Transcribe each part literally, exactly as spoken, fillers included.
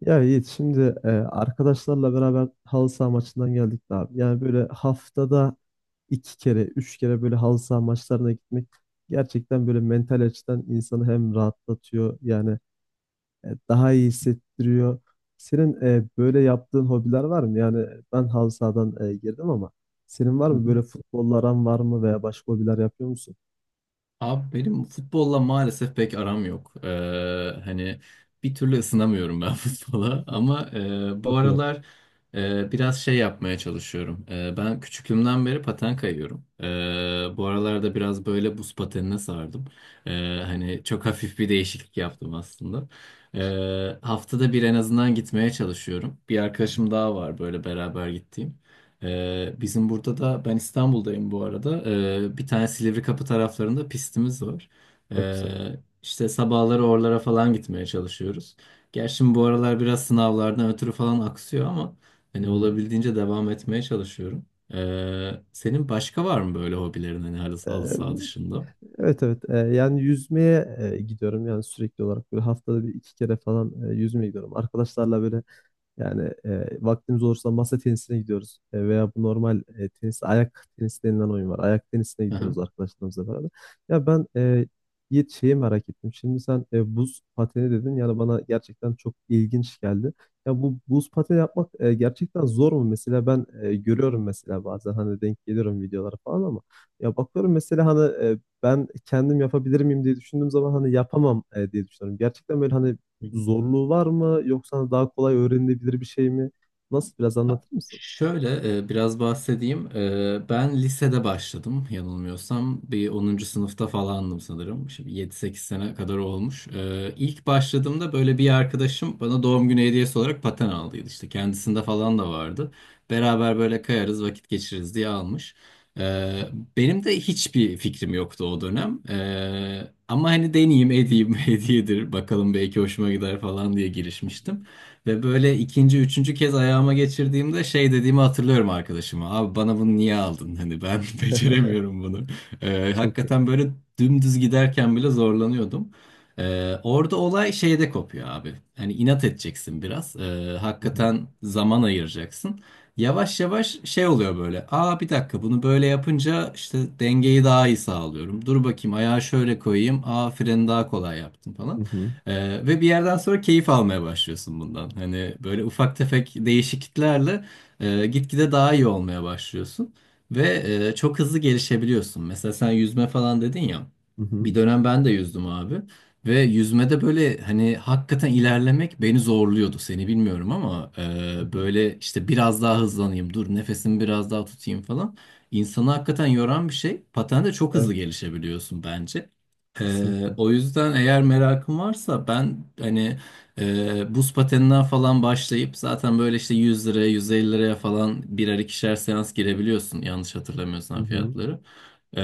Ya Yiğit şimdi e, arkadaşlarla beraber halı saha maçından geldik de abi. Yani böyle haftada iki kere, üç kere böyle halı saha maçlarına gitmek gerçekten böyle mental açıdan insanı hem rahatlatıyor yani e, daha iyi hissettiriyor. Senin e, böyle yaptığın hobiler var mı? Yani ben halı sahadan e, girdim ama senin var Hı mı hı. böyle futbolla aran var mı veya başka hobiler yapıyor musun? Abi benim futbolla maalesef pek aram yok. Ee, hani bir türlü ısınamıyorum ben futbola ama e, bu Çok iyi. aralar e, biraz şey yapmaya çalışıyorum. E, ben küçüklüğümden beri paten kayıyorum. E, bu aralarda biraz böyle buz patenine sardım. E, Hani çok hafif bir değişiklik yaptım aslında. E, haftada bir en azından gitmeye çalışıyorum. Bir arkadaşım daha var böyle beraber gittiğim. Ee, bizim burada da ben İstanbul'dayım bu arada. Ee, bir tane Silivri Kapı taraflarında pistimiz var. Çok güzel. Ee, işte sabahları oralara falan gitmeye çalışıyoruz. Gerçi bu aralar biraz sınavlardan ötürü falan aksıyor ama hani olabildiğince devam etmeye çalışıyorum. Ee, senin başka var mı böyle hobilerin hani halı, halı Ee, saha dışında? Evet, evet. Ee, yani yüzmeye e, gidiyorum yani sürekli olarak böyle haftada bir iki kere falan e, yüzmeye gidiyorum. Arkadaşlarla böyle yani e, vaktimiz olursa masa tenisine gidiyoruz. E, veya bu normal e, tenis, ayak tenisi denilen oyun var. Ayak tenisine Aha. gidiyoruz arkadaşlarımızla beraber. Ya ben e, Yiğit şeyi merak ettim. Şimdi sen e, buz pateni dedin. Yani bana gerçekten çok ilginç geldi. Ya bu buz pateni yapmak e, gerçekten zor mu? Mesela ben e, görüyorum mesela bazen hani denk geliyorum videolara falan ama ya bakıyorum mesela hani e, ben kendim yapabilir miyim diye düşündüğüm zaman hani yapamam e, diye düşünüyorum. Gerçekten böyle hani zorluğu var mı yoksa daha kolay öğrenilebilir bir şey mi? Nasıl biraz Ha, anlatır mısın? şöyle e, biraz bahsedeyim. E, Ben lisede başladım yanılmıyorsam. Bir onuncu sınıfta falandım sanırım. Şimdi 7-8 sene kadar olmuş. E, İlk başladığımda böyle bir arkadaşım bana doğum günü hediyesi olarak paten aldıydı. İşte kendisinde falan da vardı. Beraber böyle kayarız vakit geçiririz diye almış. E, Benim de hiçbir fikrim yoktu o dönem. E, Ama hani deneyeyim edeyim hediyedir bakalım belki hoşuma gider falan diye girişmiştim. Ve böyle ikinci, üçüncü kez ayağıma geçirdiğimde şey dediğimi hatırlıyorum arkadaşıma. Abi bana bunu niye aldın? Hani ben beceremiyorum bunu. Ee, Çok iyi. Hakikaten böyle dümdüz giderken bile zorlanıyordum. Ee, orada olay şeyde kopuyor abi. Hani inat edeceksin biraz. Ee, Hı hı. Hakikaten zaman ayıracaksın. Yavaş yavaş şey oluyor böyle. Aa, bir dakika, bunu böyle yapınca işte dengeyi daha iyi sağlıyorum. Dur bakayım ayağı şöyle koyayım. Aa, freni daha kolay yaptım Hı falan. hı. Ee, ve bir yerden sonra keyif almaya başlıyorsun bundan. Hani böyle ufak tefek değişikliklerle e, gitgide daha iyi olmaya başlıyorsun. Ve e, çok hızlı gelişebiliyorsun. Mesela sen yüzme falan dedin ya. Hı hı. Bir dönem ben de yüzdüm abi. Ve yüzmede böyle hani hakikaten ilerlemek beni zorluyordu. Seni bilmiyorum ama Hı e, hı. böyle işte biraz daha hızlanayım, dur nefesimi biraz daha tutayım falan. İnsanı hakikaten yoran bir şey. Patende çok hızlı Evet, gelişebiliyorsun bence. Ee, kesinlikle. O yüzden eğer merakın varsa ben hani e, buz pateninden falan başlayıp zaten böyle işte yüz liraya yüz elli liraya falan birer ikişer seans girebiliyorsun yanlış Hı hatırlamıyorsam hı. fiyatları. Ee,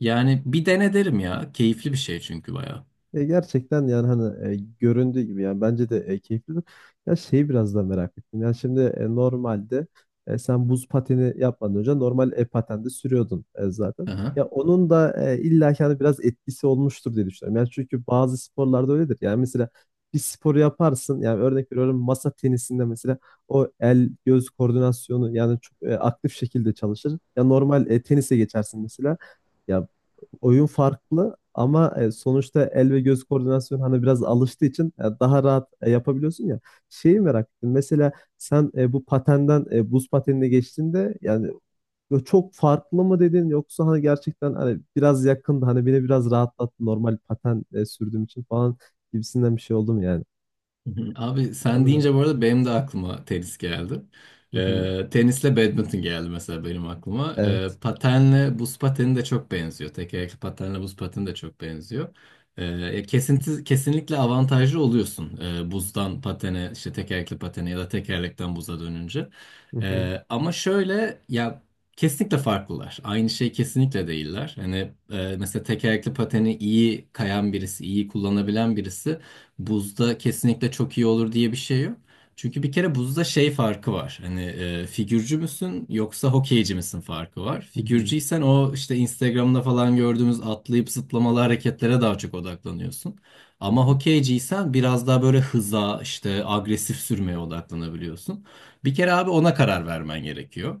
Yani bir dene derim ya, keyifli bir şey çünkü bayağı. E, gerçekten yani hani e, göründüğü gibi yani bence de e, keyiflidir. Ya şeyi biraz da merak ettim. Yani şimdi e, normalde e, sen buz pateni yapmadan önce normal e, patende sürüyordun e, zaten. Ya onun da e, illa ki hani biraz etkisi olmuştur diye düşünüyorum. Yani çünkü bazı sporlarda öyledir. Yani mesela bir sporu yaparsın. Yani örnek veriyorum masa tenisinde mesela o el göz koordinasyonu yani çok e, aktif şekilde çalışır. Ya normal e, tenise geçersin mesela. Ya oyun farklı ama e, sonuçta el ve göz koordinasyonu hani biraz alıştığı için e, daha rahat e, yapabiliyorsun ya. Şeyi merak ettim. Mesela sen e, bu patenden e, buz patenine geçtiğinde yani böyle çok farklı mı dedin yoksa hani gerçekten hani biraz yakındı hani beni biraz rahatlattı normal paten e, sürdüğüm için falan gibisinden bir şey oldu mu yani? Hı hı. Abi sen Onu deyince bu merak. arada benim de aklıma tenis geldi. Hı hı. Ee, tenisle badminton geldi mesela benim aklıma. Ee, Evet. Patenle buz pateni de çok benziyor. Tekerlekli patenle buz pateni de çok benziyor. Ee, kesinti, kesinlikle avantajlı oluyorsun. Ee, buzdan patene, işte tekerlekli patene ya da tekerlekten buza dönünce. Hı hı. Ee, ama şöyle ya, kesinlikle farklılar. Aynı şey kesinlikle değiller. Hani e, mesela tekerlekli pateni iyi kayan birisi, iyi kullanabilen birisi buzda kesinlikle çok iyi olur diye bir şey yok. Çünkü bir kere buzda şey farkı var. Hani e, figürcü müsün yoksa hokeyci misin farkı var. Hı hı. Figürcüysen o işte Instagram'da falan gördüğümüz atlayıp zıplamalı hareketlere daha çok odaklanıyorsun. Hı Ama hı. hokeyciysen biraz daha böyle hıza, işte agresif sürmeye odaklanabiliyorsun. Bir kere abi ona karar vermen gerekiyor.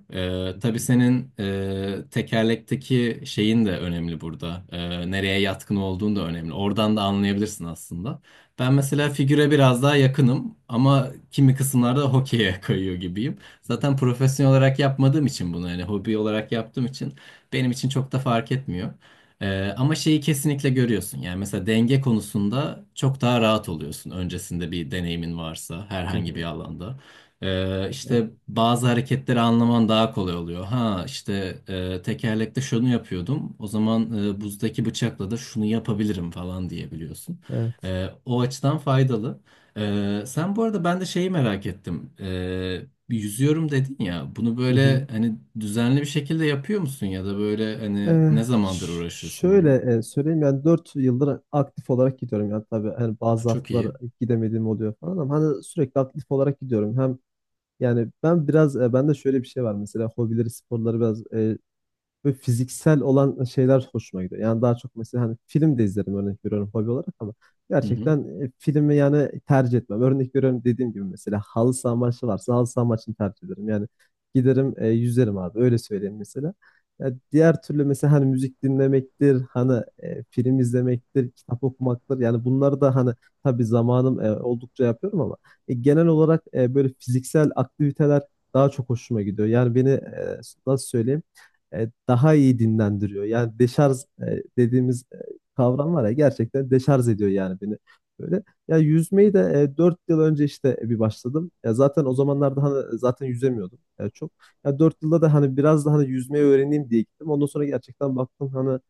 Hı Ee, tabii hı. senin e, tekerlekteki şeyin de önemli burada. Ee, nereye yatkın olduğun da önemli. Oradan da anlayabilirsin aslında. Ben mesela figüre biraz daha yakınım ama kimi kısımlarda hokeye kayıyor gibiyim. Zaten profesyonel olarak yapmadığım için bunu, hani hobi olarak yaptığım için, benim için çok da fark etmiyor. Ee, ama şeyi kesinlikle görüyorsun. Yani mesela denge konusunda çok daha rahat oluyorsun. Öncesinde bir deneyimin varsa Hı herhangi bir hı. alanda. Ee, işte Anladım. bazı hareketleri anlaman daha kolay oluyor. Ha işte e, tekerlekte şunu yapıyordum. O zaman e, buzdaki bıçakla da şunu yapabilirim falan diyebiliyorsun. Evet. Ee, o açıdan faydalı. Ee, sen bu arada, ben de şeyi merak ettim. Ee, bir yüzüyorum dedin ya. Bunu Hı böyle hı. hani düzenli bir şekilde yapıyor musun ya da böyle hani Ee, ne zamandır ş- uğraşıyorsun Şöyle bununla? e, söyleyeyim yani dört yıldır aktif olarak gidiyorum yani tabii hani Ha, bazı çok haftalar iyi. gidemediğim oluyor falan ama hani sürekli aktif olarak gidiyorum hem yani ben biraz e, bende şöyle bir şey var mesela hobileri sporları biraz eh, ve fiziksel olan şeyler hoşuma gidiyor. Yani daha çok mesela hani film de izlerim örnek veriyorum hobi olarak ama Hı hı. gerçekten e, filmi yani tercih etmem. Örnek veriyorum dediğim gibi mesela halı saha maçı varsa halı saha maçını tercih ederim. Yani giderim e, yüzerim abi öyle söyleyeyim mesela. Ya diğer türlü mesela hani müzik dinlemektir, hani e, film izlemektir, kitap okumaktır. Yani bunları da hani tabii zamanım e, oldukça yapıyorum ama e, genel olarak e, böyle fiziksel aktiviteler daha çok hoşuma gidiyor. Yani beni e, nasıl söyleyeyim? e, daha iyi dinlendiriyor. Yani deşarj e, dediğimiz e, kavram var ya gerçekten deşarj ediyor yani beni. Böyle ya yüzmeyi de e, dört yıl önce işte bir başladım. Ya zaten o zamanlarda hani e, zaten yüzemiyordum ya çok. Ya dört yılda da hani biraz da hani yüzmeyi öğreneyim diye gittim. Ondan sonra gerçekten baktım hani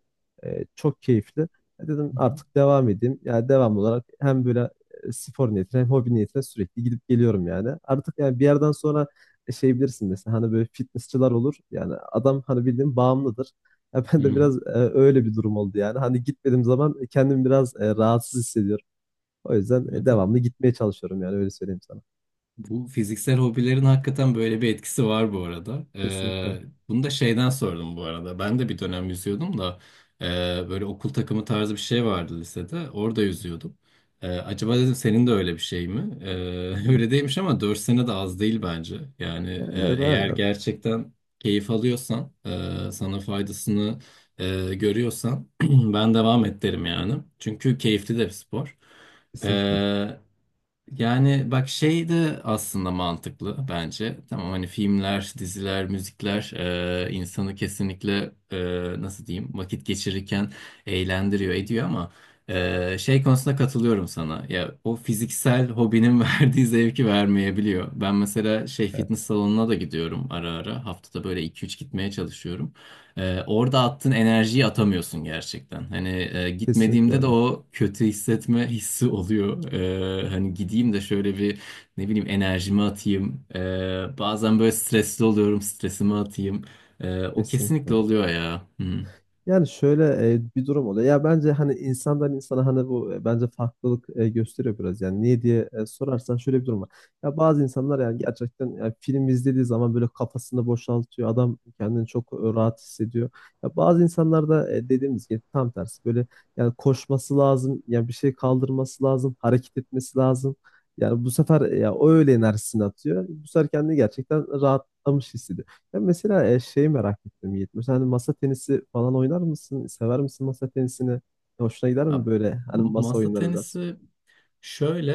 e, çok keyifli. E, Dedim Hı hı. artık devam edeyim. Yani devam olarak hem böyle e, spor niyetine hem hobi niyetine sürekli gidip geliyorum yani. Artık yani bir yerden sonra e, şey bilirsin mesela hani böyle fitnessçılar olur. Yani adam hani bildiğin bağımlıdır. Ya Hı ben de hı. biraz e, öyle bir durum oldu yani. Hani gitmediğim zaman e, kendimi biraz e, rahatsız hissediyorum. O yüzden e, Evet, evet. devamlı gitmeye çalışıyorum yani öyle söyleyeyim sana. Bu fiziksel hobilerin hakikaten böyle bir etkisi var bu arada. Kesinlikle. Ee, bunu da şeyden sordum bu arada. Ben de bir dönem yüzüyordum da e, böyle okul takımı tarzı bir şey vardı lisede. Orada yüzüyordum. Ee, acaba dedim senin de öyle bir şey mi? Ee, öyle Yok. değilmiş ama dört sene de az değil bence. Yani E, e, Evet eğer aynen. gerçekten keyif alıyorsan, e, sana faydasını e, görüyorsan ben devam et derim yani. Çünkü keyifli de bir spor. Kesinlikle. Ee, Yani bak şey de aslında mantıklı bence. Tamam, hani filmler, diziler, müzikler e, insanı kesinlikle e, nasıl diyeyim vakit geçirirken eğlendiriyor ediyor ama e, şey konusunda katılıyorum sana. Ya o fiziksel hobinin verdiği zevki vermeyebiliyor. Ben mesela şey, fitness Evet. salonuna da gidiyorum ara ara. Haftada böyle iki üç gitmeye çalışıyorum. Ee, orada attığın enerjiyi atamıyorsun gerçekten. Hani e, Kesinlikle gitmediğimde de öyle. o kötü hissetme hissi oluyor. Ee, hani gideyim de şöyle bir, ne bileyim, enerjimi atayım. Ee, bazen böyle stresli oluyorum, stresimi atayım. Ee, o kesinlikle Kesinlikle. oluyor ya. Hı. Yani şöyle e, bir durum oluyor. Ya bence hani insandan insana hani bu e, bence farklılık e, gösteriyor biraz. Yani niye diye e, sorarsan şöyle bir durum var. Ya bazı insanlar yani gerçekten ya film izlediği zaman böyle kafasını boşaltıyor. Adam kendini çok e, rahat hissediyor. Ya bazı insanlar da e, dediğimiz gibi tam tersi böyle yani koşması lazım. Yani bir şey kaldırması lazım. Hareket etmesi lazım. Yani bu sefer e, ya o öyle enerjisini atıyor. Bu sefer kendini gerçekten rahatlamış hissediyor. Ben mesela e, şeyi merak ettim Yiğit. Mesela hani masa tenisi falan oynar mısın? Sever misin masa tenisini? Hoşuna gider Ya, mi böyle? Hani m- masa masa oyunları biraz. tenisi, şöyle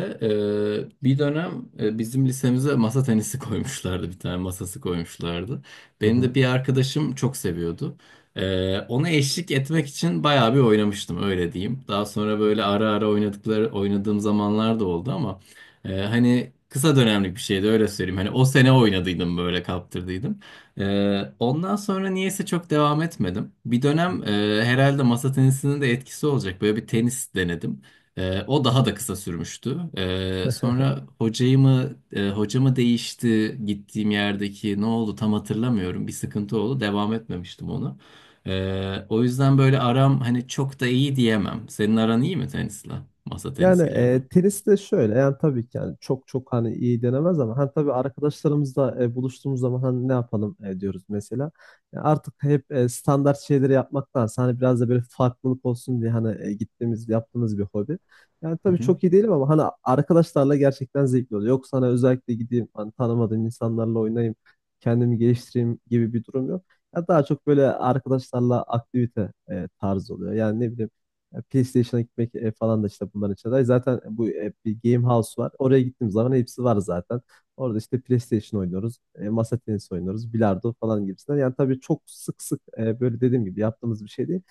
e, bir dönem e, bizim lisemize masa tenisi koymuşlardı, bir tane masası koymuşlardı. Hı Benim hı. de bir arkadaşım çok seviyordu. E, ona eşlik etmek için bayağı bir oynamıştım, öyle diyeyim. Daha sonra Çok böyle güzel. ara ara oynadıkları oynadığım zamanlar da oldu ama e, hani kısa dönemlik bir şeydi, öyle söyleyeyim. Hani o sene oynadıydım, böyle kaptırdıydım. E, ondan sonra niyeyse çok devam etmedim. Bir Hı dönem e, herhalde masa tenisinin de etkisi olacak, böyle bir tenis denedim. Ee, o daha da kısa sürmüştü. Ee, hı. Sonra hocayı mı e, hoca mı değişti gittiğim yerdeki, ne oldu tam hatırlamıyorum. Bir sıkıntı oldu. Devam etmemiştim onu. Ee, o yüzden böyle aram hani çok da iyi diyemem. Senin aran iyi mi tenisle? Masa Yani tenisiyle ya da. e, tenis de şöyle yani tabii ki yani çok çok hani iyi denemez ama hani tabii arkadaşlarımızla e, buluştuğumuz zaman hani ne yapalım e, diyoruz mesela. Yani artık hep e, standart şeyleri yapmaktansa hani biraz da böyle farklılık olsun diye hani e, gittiğimiz yaptığımız bir hobi. Yani Hı tabii hı. çok iyi değilim ama hani arkadaşlarla gerçekten zevkli oluyor. Yoksa hani özellikle gideyim hani tanımadığım insanlarla oynayayım kendimi geliştireyim gibi bir durum yok. Ya daha çok böyle arkadaşlarla aktivite e, tarzı oluyor. Yani ne bileyim ya PlayStation'a gitmek e, falan da işte bunların içinde var. Zaten bu e, bir Game House var. Oraya gittiğim zaman hepsi var zaten. Orada işte PlayStation oynuyoruz, e, masa tenisi oynuyoruz, bilardo falan gibisinden. Yani tabii çok sık sık e, böyle dediğim gibi yaptığımız bir şey değil.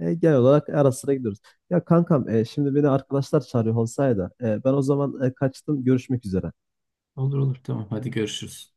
E, genel olarak ara sıra gidiyoruz. Ya kankam e, şimdi beni arkadaşlar çağırıyor olsaydı e, ben o zaman e, kaçtım. Görüşmek üzere. Olur olur, tamam hadi görüşürüz.